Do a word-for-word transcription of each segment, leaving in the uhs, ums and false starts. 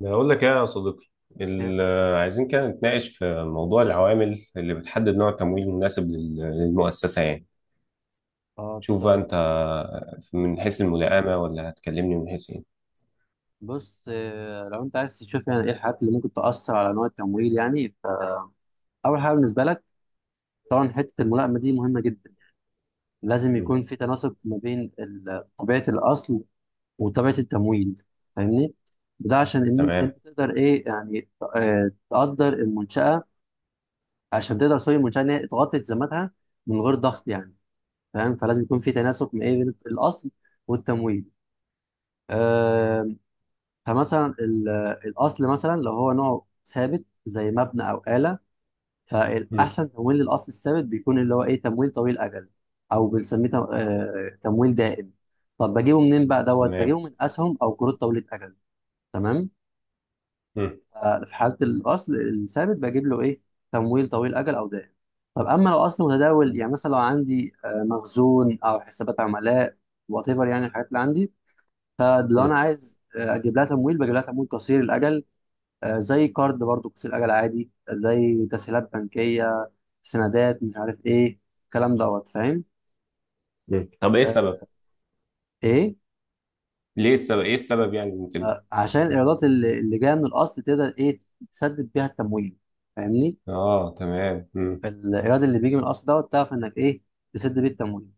بقول لك ايه يا صديقي. ال- كيفن. آه، عايزين كده نتناقش في موضوع العوامل اللي بتحدد نوع التمويل المناسب لل- للمؤسسة يعني. اه، شوف بقى طيب. انت، من حيث الملائمة ولا هتكلمني من حيث ايه؟ بص، آه، لو انت عايز تشوف يعني ايه الحاجات اللي ممكن تأثر على نوع التمويل يعني. فأول حاجة بالنسبة لك، طبعا حتة الملائمة دي مهمة جدا. لازم مم. يكون في تناسب ما بين ال- طبيعة الأصل وطبيعة التمويل. فاهمني؟ ده عشان ان تمام. انت تقدر ايه يعني، آه، تقدر المنشأة. عشان تقدر، سوري، المنشأة ان هي تغطي التزاماتها من غير ضغط يعني. فاهم؟ فلازم يكون في تناسب ما إيه بين الأصل والتمويل. آه، فمثلا ال- الاصل مثلا لو هو نوع ثابت زي مبنى او آلة، مم. فالاحسن تمويل للاصل الثابت بيكون اللي هو ايه تمويل طويل الاجل، او بنسميه تم- آه، تمويل دائم. طب بجيبه منين بقى دوت، تمام. بجيبه من اسهم او قروض طويله اجل. تمام. مم. آه، في حاله الاصل الثابت بجيب له ايه تمويل طويل اجل او دائم. طب اما لو اصل متداول مم. يعني، مثلا لو عندي آه، مخزون او حسابات عملاء، وات ايفر يعني الحاجات اللي عندي. فلو انا عايز آه، اجيب لها تمويل، بجيب لها تمويل قصير الاجل. آه، زي كارد برضو قصير اجل عادي، زي تسهيلات بنكيه، سندات، مش عارف ايه الكلام دوت. فاهم. مم. طب ايه السبب؟ آه، ايه ليه السبب ايه السبب يعني ممكن؟ آه، عشان الايرادات اللي اللي جايه من الاصل تقدر ايه تسدد بيها التمويل. فاهمني. اه تمام. الايراد اللي بيجي من الاصل دوت، تعرف انك ايه تسد بيه التمويل.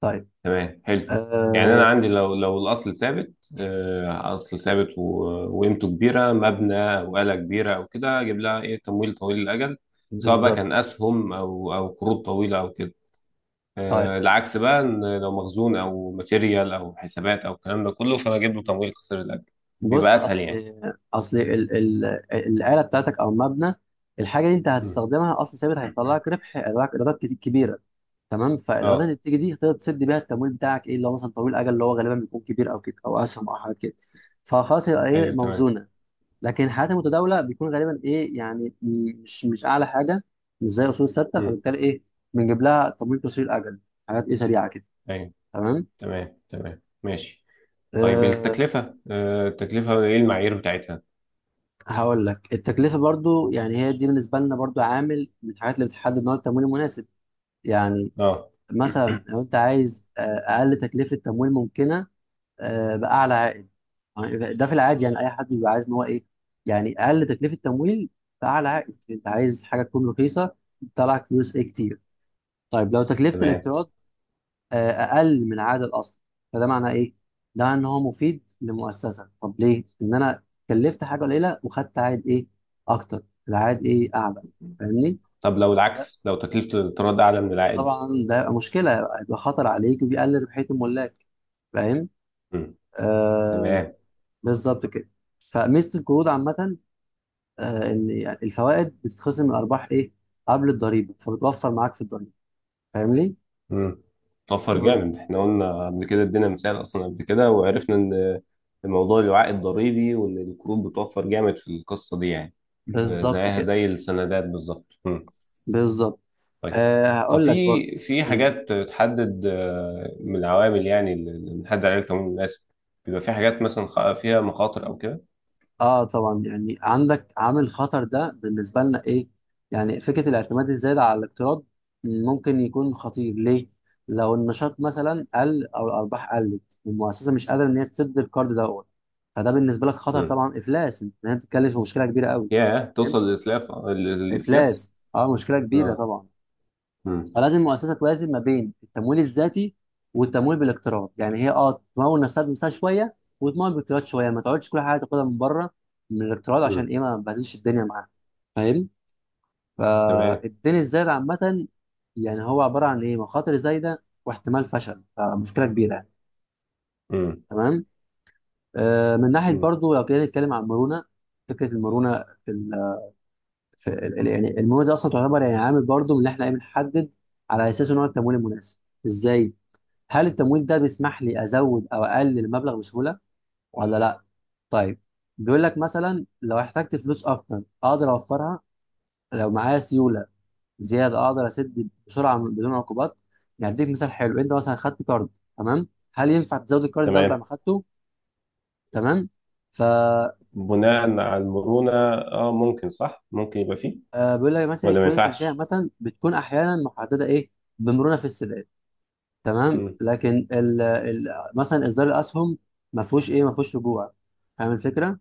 طيب. تمام، حلو. يعني انا آه عندي، لو لو الاصل ثابت، آه، اصل ثابت و- وقيمته كبيره، مبنى او آلة كبيره او كده، اجيب لها ايه؟ تمويل طويل الاجل، سواء بقى بالظبط. كان اسهم او او قروض طويله او كده. طيب آه، العكس بقى، ان لو مخزون او ماتيريال او حسابات او الكلام ده كله، فانا اجيب له تمويل قصير الاجل، بيبقى بص، اسهل اصل يعني. اصل ال ال الاله بتاعتك او المبنى، الحاجه دي انت مم. هتستخدمها اصل ثابت، هيطلع لك ربح، هيطلع لك ايرادات كتير- كبيره. تمام. فالايرادات اه. اللي بتيجي دي تقدر تسد بيها التمويل بتاعك ايه، اللي هو مثلا طويل الاجل، اللي هو غالبا بيكون كبير او كده، او اسهم او حاجات كده. فخلاص يبقى ايه، ايوه تمام. موزونه. لكن الحالات المتداوله بيكون غالبا ايه يعني، م- مش مش اعلى حاجه، مش زي اصول ثابته، مم. فبالتالي ايه، بنجيب لها تمويل قصير الاجل، حاجات ايه سريعه كده. ايوه. تمام. تمام تمام ماشي. طيب أه التكلفه، آه، التكلفه ايه المعايير بتاعتها؟ هقول لك، التكلفه برضو يعني هي دي بالنسبه لنا برضو عامل من الحاجات اللي بتحدد نوع التمويل المناسب يعني. اه مثلا لو انت عايز آه، اقل تكلفه تمويل ممكنه، آه، باعلى عائد، يعني ده في العادي يعني اي حد بيبقى عايز ان هو ايه يعني، اقل تكلفه تمويل باعلى عائد. انت عايز حاجه تكون رخيصه، تطلعك فلوس ايه كتير. طيب لو تكلفه تمام. الاقتراض آه، اقل من عائد الاصل، فده معناه ايه؟ ده ان هو مفيد لمؤسسه. طب ليه؟ ان انا كلفت حاجه قليله وخدت عائد ايه؟ اكتر. العائد ايه؟ اعلى. فاهمني؟ طب لو فده العكس، لو تكلفة الاقتراض أعلى من العائد؟ طبعا ده يبقى مشكله، يبقى خطر عليك وبيقلل ربحيه الملاك. فاهم؟ مم. آه، تمام. بالظبط كده. فميزه القروض عامه آه، ان يعني الفوائد بتتخصم من الارباح ايه قبل الضريبه، فبتوفر معاك في الضريبه. فاهمني. مم. توفر واضح. جامد، احنا قلنا قبل كده، ادينا مثال أصلا قبل كده، وعرفنا إن الموضوع له عائد ضريبي، وإن القروض بتوفر جامد في القصة دي يعني. آه، بالظبط زيها كده. زي السندات بالظبط. مم. بالظبط. طيب، أه طب هقول في لك برضه. في مم. حاجات تحدد، آه، من العوامل يعني اللي بنحدد عليها التمويل المناسب، بيبقى في حاجات مثلا خ- فيها مخاطر أو كده؟ اه، طبعا يعني عندك عامل خطر، ده بالنسبه لنا ايه يعني، فكره الاعتماد الزايد على الاقتراض ممكن يكون خطير ليه. لو النشاط مثلا قل او الارباح قلت والمؤسسه مش قادره ان هي تسد القرض دوت، فده بالنسبه لك خطر مم. طبعا، افلاس. انت هنا بتتكلم في مشكله كبيره قوي. ياه، توصل للإسلاف الإفلاس. افلاس، اه، مشكله كبيره اه. طبعا. مم. فلازم المؤسسه توازن ما بين التمويل الذاتي والتمويل بالاقتراض، يعني هي اه تمول نفسها بنفسها شويه وتمول بالاقتراض شويه، ما تقعدش كل حاجه تاخدها من بره، من الاقتراض، عشان مم. ايه، ما تبهدلش الدنيا معاها. فاهم. تمام. فالدين الزايد عامه يعني هو عباره عن ايه مخاطر زايده واحتمال فشل، فمشكله كبيره يعني. امم. تمام. آه من ناحيه امم. برضو لو كنا نتكلم عن المرونه، فكره المرونه في ف- ال- ال- يعني المواد دي اصلا تعتبر يعني عامل برضو من اللي احنا إيه بنحدد على اساسه نوع التمويل المناسب. ازاي؟ هل التمويل ده بيسمح لي ازود او اقلل المبلغ بسهوله ولا لا؟ طيب. بيقول لك مثلا لو احتجت فلوس اكتر اقدر اوفرها، لو معايا سيوله زياده اقدر اسد بسرعه بدون عقوبات. يعني اديك مثال حلو، انت مثلا خدت كارد، تمام، هل ينفع تزود الكارد ده بعد تمام. ما خدته؟ تمام. ف بناء على المرونة، اه ممكن، صح، ممكن يبقى فيه، آه، بيقول لك مثلا ولا ما الكروت البنكيه ينفعش. عامه بتكون احيانا محدده ايه، بمرونه في السداد. تمام. امم. لكن ال ال مثلا اصدار الاسهم ما فيهوش ايه، ما فيهوش رجوع. فاهم الفكره.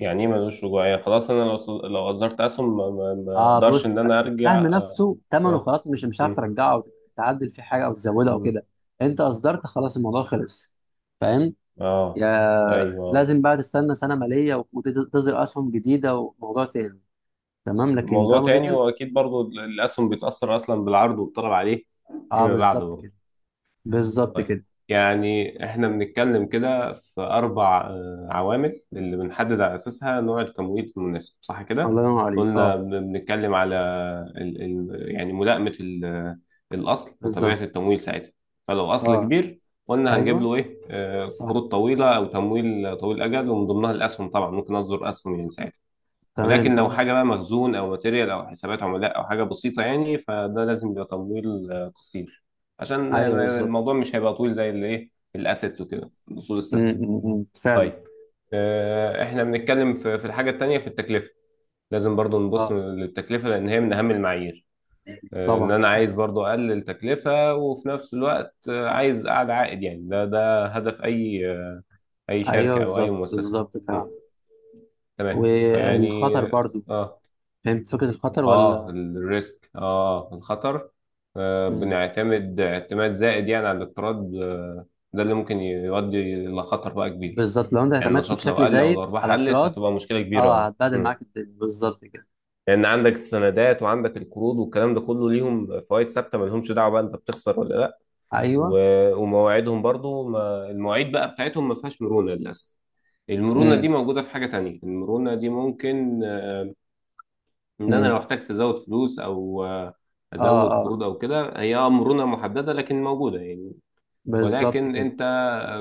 يعني ايه ملوش رجوعية؟ خلاص، انا لو صل- لو اصدرت اسهم، ما ما- ما اه اقدرش بص ان بقى، انا ارجع؟ السهم اه. نفسه ثمنه اه. خلاص، مش مش هتعرف مم. ترجعه او تعدل فيه حاجه او تزودها او مم. كده. انت اصدرت خلاص، الموضوع خلص. فاهم. آه. يا ايوه. آه. لازم بقى تستنى سنه ماليه وتصدر اسهم جديده وموضوع تاني. تمام لكن موضوع طالما تاني، نزل. واكيد برضو الاسهم بيتأثر اصلا بالعرض والطلب عليه اه فيما بعد بالظبط برضو. كده. بالظبط طيب، كده. يعني احنا بنتكلم كده في اربع، آه، عوامل اللي بنحدد على اساسها نوع التمويل المناسب، صح الله كده؟ ينور عليك. قلنا اه بن- بنتكلم على ال ال يعني ملائمة ال- الاصل وطبيعة بالظبط. التمويل ساعتها. فلو اصل اه. كبير، قلنا هنجيب ايوه له ايه؟ آه، صح. قروض طويلة او تمويل طويل الاجل، ومن ضمنها الاسهم طبعا، ممكن اصدر اسهم يعني ساعتها. تمام ولكن لو كلام مظبوط. حاجة بقى مخزون أو ماتيريال أو حسابات عملاء أو حاجة بسيطة يعني، فده لازم يبقى تمويل، آه، قصير، عشان، ايوه آه، بالظبط. الموضوع مش هيبقى طويل زي اللي إيه، الأسيت وكده، الأصول م- الثابتة. م- م. فعلا. طيب، آه، إحنا بنتكلم في في الحاجة التانية، في التكلفة. لازم برضو نبص اه للتكلفة، لأن هي من أهم المعايير. آه، إن طبعا. أنا عايز برضو أقلل تكلفة، وفي نفس الوقت، آه، عايز أعلى عائد يعني، ده ده هدف أي، آه، أي ايوه، شركة أو أي بالظبط مؤسسة. بالظبط، م، فعلا. تمام. يعني، والخطر برضو، آه. فهمت فكره الخطر اه، ولا؟ الريسك، اه، الخطر. آه، مم. بنعتمد اعتماد زائد يعني على الاقتراض، آه. ده اللي ممكن يؤدي لخطر بقى كبير، بالظبط، لو انت يعني اعتمدت النشاط لو بشكل قل او زايد على الارباح قلت، الاقتراض، هتبقى مشكله كبيره. اه، اه. هتبهدل مم. معاك الدنيا بالظبط كده. لان عندك السندات وعندك القروض والكلام ده كله، ليهم فوائد ثابته، ما لهمش دعوه بقى انت بتخسر ولا لا. ايوه. و- ومواعيدهم برضو، ما المواعيد بقى بتاعتهم ما فيهاش مرونه للاسف. المرونه دي امم موجوده في حاجه تانية، المرونه دي ممكن ان انا امم لو احتجت ازود فلوس، او آه، اه ازود اه، قروض او كده، هي آه، مرونه محدده لكن موجوده يعني. بالظبط ولكن كده. انت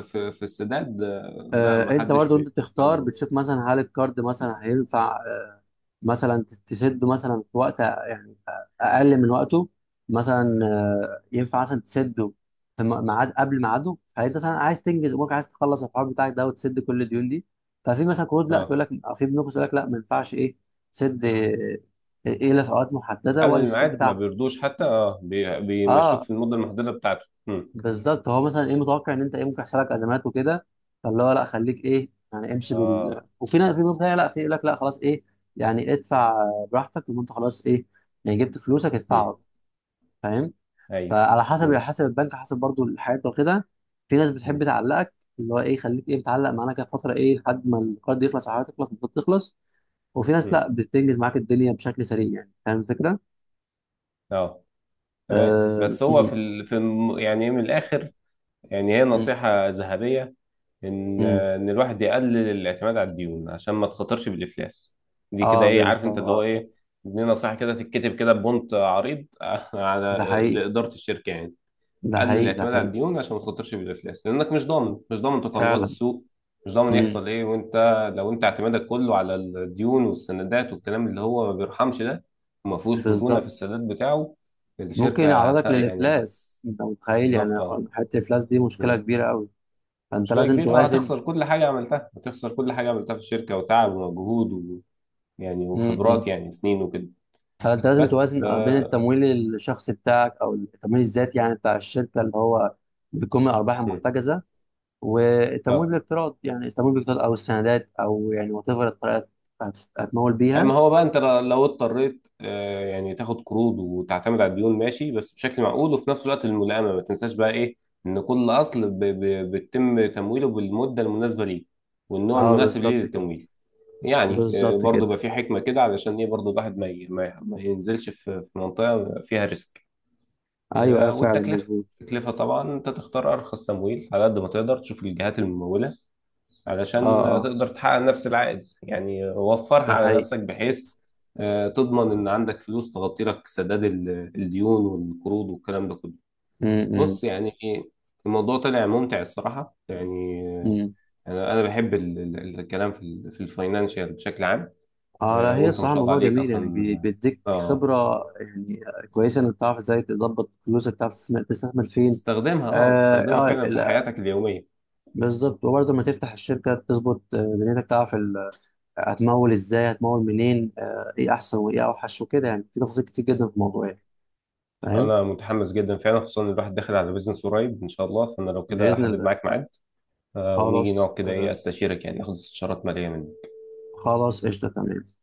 في في السداد، آه، لا، آه ما انت حدش برضو انت بي- بتختار، عنده. بتشوف مثلا هل الكارد مثلا هينفع مثلا تسد مثلا في وقت يعني اقل من وقته، مثلا آه، ينفع مثلا تسده في م- ميعاد قبل ميعاده، فانت مثلا عايز تنجز امورك، عايز تخلص الحوار بتاعك ده وتسد كل الديون دي. ففي مثلا قروض لا، اه، تقول لك، في بنوك تقول لك لا ما ينفعش ايه تسد آه، ايه الا في اوقات محدده، قبل وقت السداد الميعاد ما بتاعها. بيرضوش حتى، اه، بي- بيمشوك اه في المده المحدده بتاعته. مم. بالظبط. هو مثلا ايه متوقع ان انت ايه ممكن يحصل لك ازمات وكده، فاللي هو لا، خليك ايه يعني، امشي اه. بال. وفي ناس، في ناس تانية لا، في يقول لك لا خلاص ايه يعني، ادفع براحتك، لما انت خلاص ايه يعني جبت فلوسك، مم. ادفعها. فاهم. ايوه. فعلى حسب مم. حسب البنك، حسب برضو الحياة وكده. في ناس بتحب مم. تعلقك، اللي هو ايه خليك ايه متعلق معانا كده فتره ايه لحد ما القرض يخلص، او حياتك تخلص، المفروض تخلص. وفي ناس مم. لا بتنجز معاك الدنيا بشكل سريع يعني. فاهم الفكره؟ اه تمام. اه. بس هو م- في ال... في الم- يعني من الاخر، يعني هي م- نصيحه ذهبيه، ان م. ان الواحد يقلل الاعتماد على الديون عشان ما تخاطرش بالافلاس. دي كده آه ايه، عارف انت اللي هو بالظبط. ايه، دي نصيحه كده تتكتب كده ببونت عريض على ده حقيقي، لاداره الشركه يعني. ده قلل حقيقي، ده الاعتماد على حقيقي الديون عشان ما تخاطرش بالافلاس، لانك مش ضامن، مش ضامن تقلبات فعلا. السوق، مش ضامن امم. يحصل ايه، وانت لو انت اعتمادك كله على الديون والسندات والكلام اللي هو ما بيرحمش ده، وما فيهوش مرونه في بالظبط. السداد بتاعه، ممكن الشركه هت- يعرضك يعني هت- للافلاس انت متخيل يعني. بالظبط. اه. حته الافلاس دي مشكله مم. كبيره قوي، فانت مشكلة لازم كبيرة، اه، توازن. هتخسر كل حاجة عملتها، هتخسر كل حاجة عملتها في الشركة، وتعب ومجهود و... يعني امم وخبرات، يعني سنين وكده. فانت لازم بس توازن بين اه. التمويل الشخصي بتاعك او التمويل الذاتي يعني بتاع الشركه، اللي هو بيكون من الارباح مم. المحتجزه، والتمويل اه، بالاقتراض، يعني التمويل بالاقتراض او السندات او يعني وات ايفر الطريقه هت- هتمول اما بيها. هو بقى، انت لو اضطريت، آه، يعني تاخد قروض وتعتمد على الديون، ماشي بس بشكل معقول، وفي نفس الوقت الملائمة ما تنساش بقى ايه، ان كل اصل ب... ب... بيتم تمويله بالمدة المناسبة ليه، والنوع اه المناسب ليه بالظبط كده. للتمويل. يعني آه بالظبط برضه كده. بقى في حكمة كده، علشان ايه برضه الواحد ما, ي... ما ما ينزلش في... في منطقة فيها ريسك. ايوه اه، آه، فعلا والتكلفة، مظبوط. التكلفة طبعا انت تختار ارخص تمويل على قد ما تقدر، تشوف الجهات الممولة، اه علشان آه، اه. تقدر تحقق نفس العائد يعني، وفرها ده على حقيقي. نفسك، بحيث آه، تضمن ان عندك فلوس تغطي لك سداد ال- الديون والقروض والكلام ده كله. بص يعني إيه، الموضوع طلع ممتع الصراحة يعني، آه، امم. انا انا بحب ال- ال- الكلام في ال- في الفاينانشال بشكل عام. اه لا، آه، هي وانت ما الصراحه شاء الله الموضوع عليك جميل يعني، اصلا. بي- بيديك اه خبره يعني، كويسه انك تعرف ازاي تظبط فلوسك، تعرف تستثمر تستثمر فين. تستخدمها، اه اه، تستخدمها آه فعلا في لا، حياتك اليومية. بالظبط. وبرضه لما تفتح الشركه تظبط آه، دنيتك، تعرف ال- هتمول ازاي، هتمول منين، آه ايه احسن وايه اوحش وكده، يعني في تفاصيل كتير جدا في الموضوع يعني. فاهم. انا متحمس جدا فعلا، خصوصا ان الواحد داخل على بيزنس قريب ان شاء الله، فانا لو كده باذن احدد الله. معاك ميعاد، آه، ونيجي خلاص. نقعد كده ايه، آه استشيرك يعني، ناخد استشارات ماليه منك. خلاص قشطه. تمام.